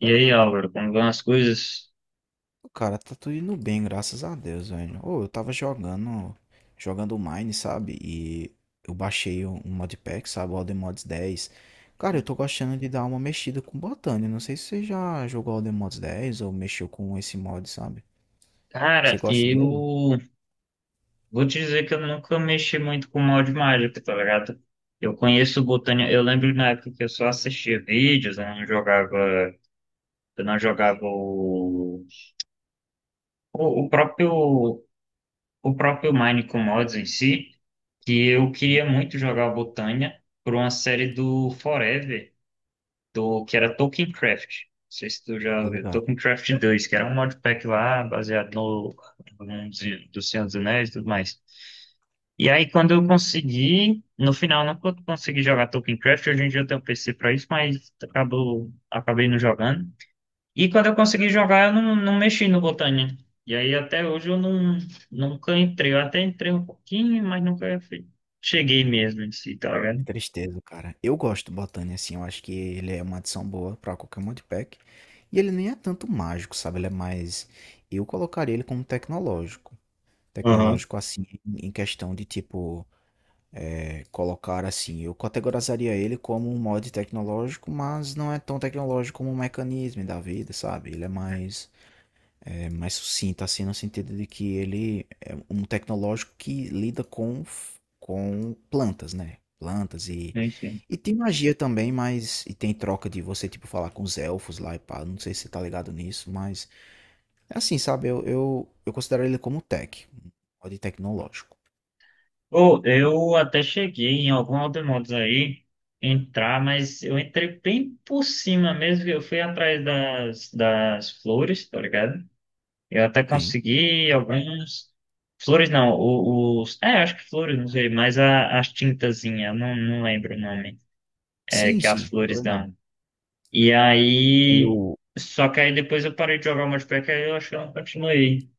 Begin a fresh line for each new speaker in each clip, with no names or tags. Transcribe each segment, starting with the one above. E aí, Álvaro, como vão as coisas?
Cara, tá tudo indo bem, graças a Deus, velho. Ô, eu tava jogando Mine, sabe? E eu baixei um modpack, sabe? O Alden Mods 10. Cara, eu tô gostando de dar uma mexida com botânia. Não sei se você já jogou Alden Mods 10 ou mexeu com esse mod, sabe?
Cara,
Você gosta dele?
eu vou te dizer que eu nunca mexi muito com molde mágico, tá ligado? Eu conheço botânia, eu lembro na época que eu só assistia vídeos, eu não jogava, eu não jogava o, o, o próprio o próprio Mine com mods em si, que eu
Uhum.
queria muito jogar botânia por uma série do Forever, do que era Tolkien Craft. Não sei se tu
Tô
já viu.
ligado.
Tolkien Craft 2, que era um modpack lá, baseado no do Senhor dos Anéis e tudo mais. E aí, quando eu consegui, no final, não co- consegui jogar Tolkien Craft, hoje em dia eu tenho PC pra isso, mas acabei não jogando. E quando eu consegui jogar, eu não, não mexi no Botânia. E aí, até hoje, eu não, nunca entrei. Eu até entrei um pouquinho, mas nunca fui- cheguei mesmo em si, tá
Que
vendo?
tristeza, cara. Eu gosto do botânia, assim. Eu acho que ele é uma adição boa pra qualquer modpack. E ele nem é tanto mágico, sabe? Ele é mais. Eu colocaria ele como tecnológico.
Aham. Uhum.
Tecnológico assim, em questão de tipo, colocar assim, eu categorizaria ele como um mod tecnológico, mas não é tão tecnológico como um mecanismo da vida, sabe? Ele é mais, mais sucinto assim, no sentido de que ele é um tecnológico que lida com, com plantas, né? Plantas e. E tem magia também, mas. E tem troca de você, tipo, falar com os elfos lá e pá. Não sei se você tá ligado nisso, mas. É assim, sabe? Eu considero ele como tech, um mod tecnológico.
Ou eu até cheguei em alguns automodos aí entrar, mas eu entrei bem por cima mesmo. Que Eu fui atrás das flores, tá ligado? Eu até
Sim.
consegui alguns. Flores não, os. É, acho que flores, não sei, mas as tintazinhas, não lembro o nome, é,
Sim,
que as
sim.
flores
Tornar.
dão. E
Tem
aí.
o
Só que aí depois eu parei de jogar o multiplayer, que aí eu acho que eu não continuei.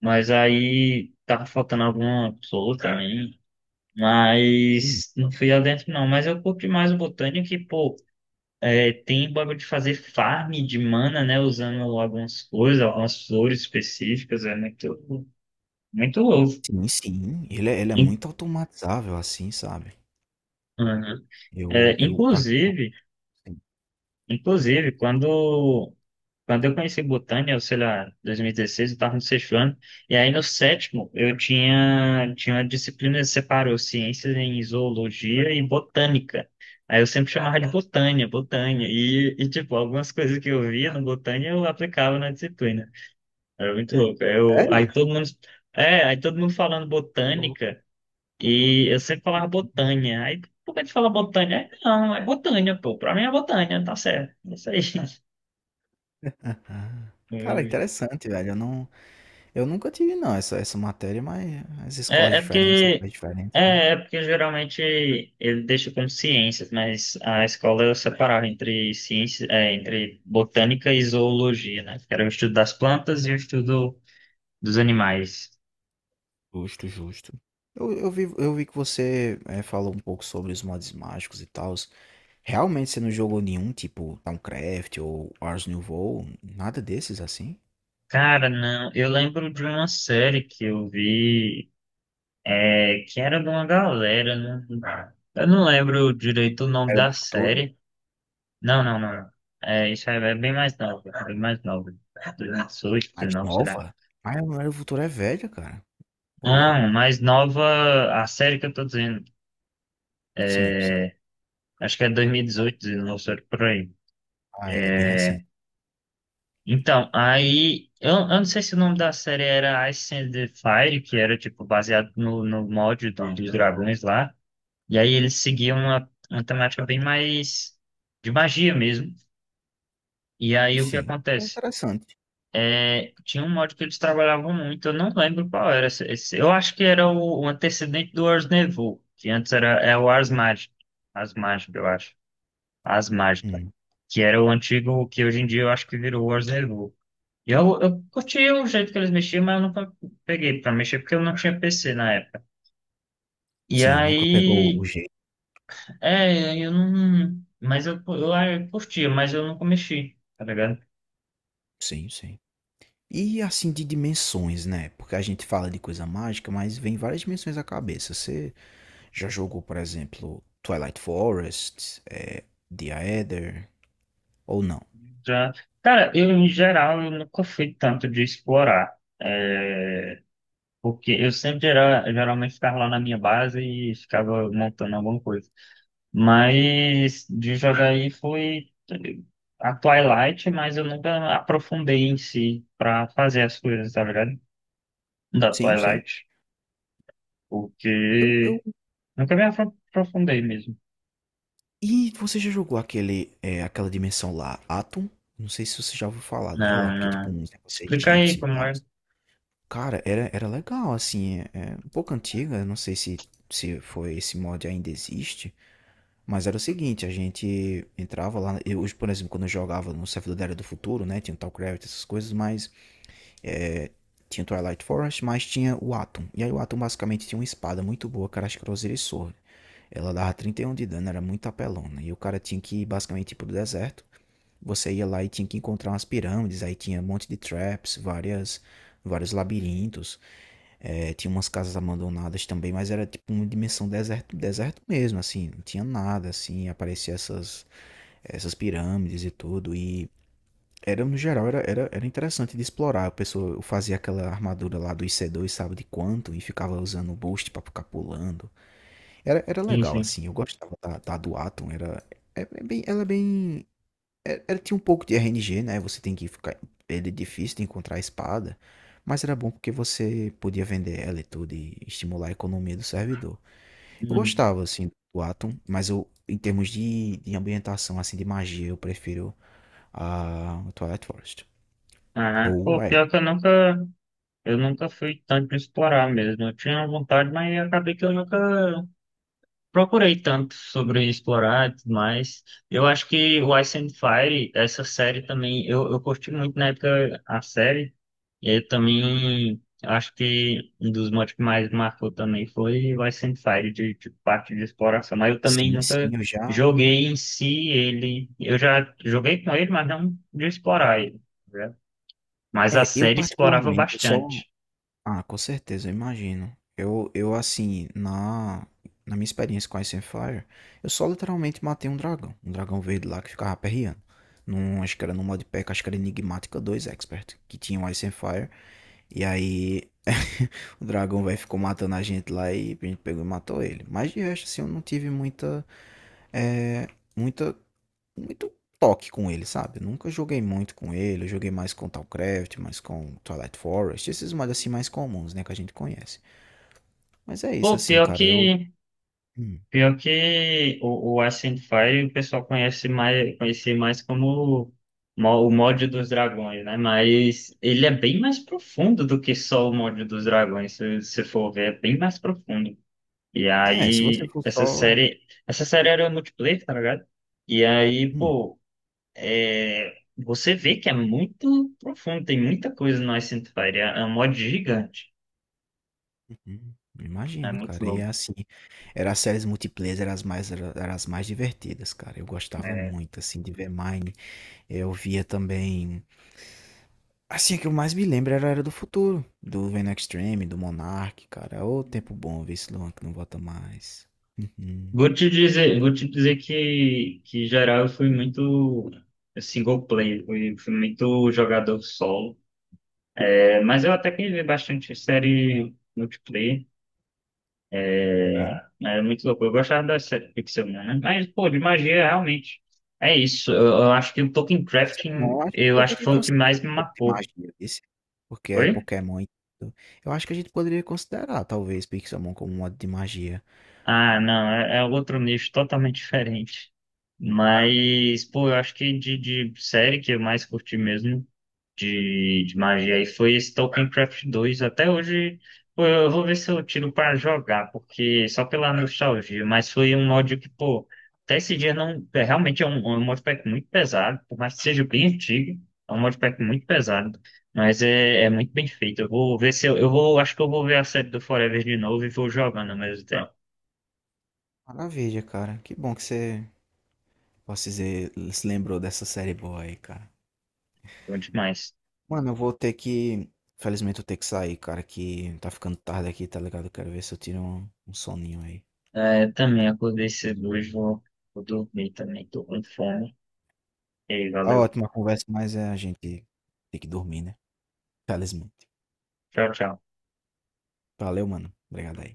Mas aí tava faltando alguma pessoa também.
hum.
Mas não fui lá dentro não, mas eu curti mais o Botânia que, pô, é, tem bagulho de fazer farm de mana, né? Usando algumas coisas, algumas flores específicas, é muito louco.
Sim, sim. Ele é
In-
muito automatizável, assim, sabe.
Uhum. É,
Eu particular sim.
inclusive, quando eu conheci Botânia, eu sei lá, 2016, eu estava no sexto ano, e aí no sétimo tinha uma disciplina que separou ciências em zoologia e botânica. Aí eu sempre chamava de botânia, e tipo, algumas coisas que eu via no botânia eu aplicava na disciplina. Era muito louco. Eu, aí
Sério?
todo mundo, é, Aí todo mundo falando
Ô louco.
botânica, e eu sempre falava botânia. Aí por que a gente fala botânia? Aí, não, é botânia, pô, pra mim é botânia, tá certo, é isso aí.
Aham. Cara, interessante, velho. Eu nunca tive não essa matéria, mas as escolas
É, é
diferentes,
porque
lugares diferentes, né.
É, é porque geralmente ele deixa como ciências, mas a escola eu separava entre ciências, é, entre botânica e zoologia, né? Que era o estudo das plantas e o estudo dos animais.
Justo, justo. Eu vi que você, falou um pouco sobre os mods mágicos e tals. Realmente você não jogou nenhum, tipo Towncraft ou Ars Nouveau, nada desses, assim?
Cara, não, eu lembro de uma série que eu vi, é, que era de uma galera, né? Eu não lembro direito o nome
Era do
da
Futuro?
série. Não. É, isso aí é bem mais novo, bem mais novo. 2018,
Mais
19.
nova? Ah, o Diário do Futuro é velha, cara. Ô,
Não,
louco.
mais nova, a série que eu tô dizendo.
Sim, sim.
Acho que é 2018, 19, série por aí.
Ah, é bem recente.
Então, aí, eu não sei se o nome da série era Ice and the Fire, que era, tipo, baseado no dos dragões lá. E aí eles seguiam uma temática bem mais de magia mesmo. E
E
aí o que
sim, é
acontece?
interessante.
É, tinha um mod que eles trabalhavam muito, eu não lembro qual era. Eu acho que era o antecedente do Ars Nevo, que antes era, é o Ars Magic. Ars Magic, eu acho. As Mágicas,
Hum.
que era o antigo, que hoje em dia eu acho que virou o Orzeru. E eu curti o jeito que eles mexiam, mas eu nunca peguei pra mexer, porque eu não tinha PC na época. E
Sim, nunca pegou o
aí,
jeito.
é, eu não. Mas ah, eu curtia, mas eu nunca mexi, tá ligado?
Sim, sim. E assim, de dimensões, né? Porque a gente fala de coisa mágica, mas vem várias dimensões à cabeça. Você já jogou, por exemplo, Twilight Forest, The Aether, ou não?
Já, cara, eu, em geral, eu nunca fui tanto de explorar. É, porque eu sempre era, geralmente ficava lá na minha base e ficava montando alguma coisa. Mas de jogar aí foi a Twilight, mas eu nunca aprofundei em si pra fazer as coisas, tá ligado? Da
Sim, sim.
Twilight,
Eu,
porque
eu...
nunca me afro- aprofundei mesmo.
E você já jogou aquele, aquela dimensão lá, Atom? Não sei se você já ouviu falar dela,
Não,
que é tipo um
não.
negócio
Explica aí
egípcio e
como
tal.
é.
Cara, era legal, assim, é um pouco antiga, não sei se foi esse mod ainda existe, mas era o seguinte, a gente entrava lá, eu, hoje, por exemplo, quando eu jogava no servidor da Era do Futuro, né, tinha o Talcraft, essas coisas, mas tinha o Twilight Forest, mas tinha o Atom, e aí o Atom basicamente tinha uma espada muito boa, cara, acho que era o e Sword, ela dava 31 de dano, era muito apelona, e o cara tinha que ir basicamente ir pro deserto, você ia lá e tinha que encontrar umas pirâmides, aí tinha um monte de traps, vários labirintos, tinha umas casas abandonadas também, mas era tipo uma dimensão deserto, deserto mesmo, assim, não tinha nada, assim, aparecia essas, pirâmides e tudo, e era no geral, era interessante de explorar, a pessoa eu fazia aquela armadura lá do IC2, sabe de quanto, e ficava usando o boost pra ficar pulando, era legal,
Enfim.
assim, eu gostava da do Atom, era, é bem, ela é bem tinha um pouco de RNG, né? Você tem que ficar. Ele é difícil de encontrar a espada. Mas era bom porque você podia vender ela e tudo e estimular a economia do servidor. Eu
Hum.
gostava, assim, do Atom, mas eu, em termos de ambientação, assim, de magia, eu prefiro a Twilight Forest.
Aham.
Ou
Pô,
a Eden.
pior que eu nunca fui tanto explorar mesmo. Eu tinha vontade, mas acabei que eu nunca procurei tanto sobre explorar e tudo mais. Eu acho que o Ice and Fire, essa série também, eu curti muito na época a série. E aí também acho que um dos motivos que mais marcou também foi o Ice and Fire de parte de exploração. Mas eu também
Sim, sim,
nunca
eu já.
joguei em si ele. Eu já joguei com ele, mas não de explorar ele, né? Mas a
É, eu
série explorava
particularmente, eu só.
bastante.
Ah, com certeza, eu imagino. Eu assim, na minha experiência com Ice and Fire, eu só literalmente matei um dragão. Um dragão verde lá que ficava perreando. Num, acho que era no modpack, acho que era Enigmática dois Expert, que tinha o Ice and Fire. E aí, o dragão velho ficou matando a gente lá e a gente pegou e matou ele. Mas de resto, assim, eu não tive muita, é, muita muito toque com ele, sabe? Eu nunca joguei muito com ele, eu joguei mais com Talcraft, mais com Twilight Forest, esses mods assim mais comuns, né, que a gente conhece. Mas é isso,
Pô,
assim,
pior
cara, eu...
que
Hum.
Pior que o Ascent Fire o pessoal conhece mais como o mod dos dragões, né? Mas ele é bem mais profundo do que só o mod dos dragões, se for ver, é bem mais profundo. E
É, se você
aí,
for só...
essa série era multiplayer, tá ligado? E aí,
Hum,
pô, é, você vê que é muito profundo, tem muita coisa no Ascent Fire, é um mod gigante,
uhum.
é
Imagino,
muito
cara. E é
louco.
assim, era as séries multiplayer, eram as mais, era as mais divertidas, cara. Eu gostava muito, assim, de ver Mine. Eu via também. Assim, a que eu mais me lembro era a Era do Futuro, do Venom Extreme, do Monark, cara. Ô, tempo bom ver esse Luan que não volta mais. Uhum.
Vou te dizer que em geral eu fui muito eh, single player, fui muito jogador solo. É, mas eu até que vi bastante série multiplayer.
Uhum.
É muito louco. Eu gostava da série Pixelmon, né? Mas, pô, de magia, realmente. É isso. Eu acho que o Tolkien
E disse, não,
Crafting,
eu acho que eu
eu acho que
poderia
foi o que
considerar
mais me
um pouco de
marcou.
magia desse, porque é
Oi?
Pokémon e tudo. Eu acho que a gente poderia considerar, talvez, Pixelmon como um modo de magia.
Ah, não, é, é outro nicho totalmente diferente. Mas, pô, eu acho que de série que eu mais curti mesmo de magia aí foi esse Token Craft dois. Até hoje, pô, eu vou ver se eu tiro pra jogar, porque só pela nostalgia, mas foi um mod que, pô, até esse dia não. É, realmente é é um modpack muito pesado, por mais que seja bem antigo, é um modpack muito pesado. Mas é muito bem feito. Eu vou ver se eu, eu vou. Acho que eu vou ver a série do Forever de novo e vou jogando ao mesmo tempo.
Maravilha, cara. Que bom que você, posso dizer, se lembrou dessa série boa aí, cara.
Bom demais.
Mano, eu vou ter que. Felizmente eu tenho que sair, cara, que tá ficando tarde aqui, tá ligado? Eu quero ver se eu tiro um soninho aí.
É, também
Então,
acordei cedo hoje, vou dormir também, tô com fome. E aí,
tá
valeu.
ótima a conversa, mas a gente tem que dormir, né? Felizmente.
Tchau, tchau.
Valeu, mano. Obrigado aí.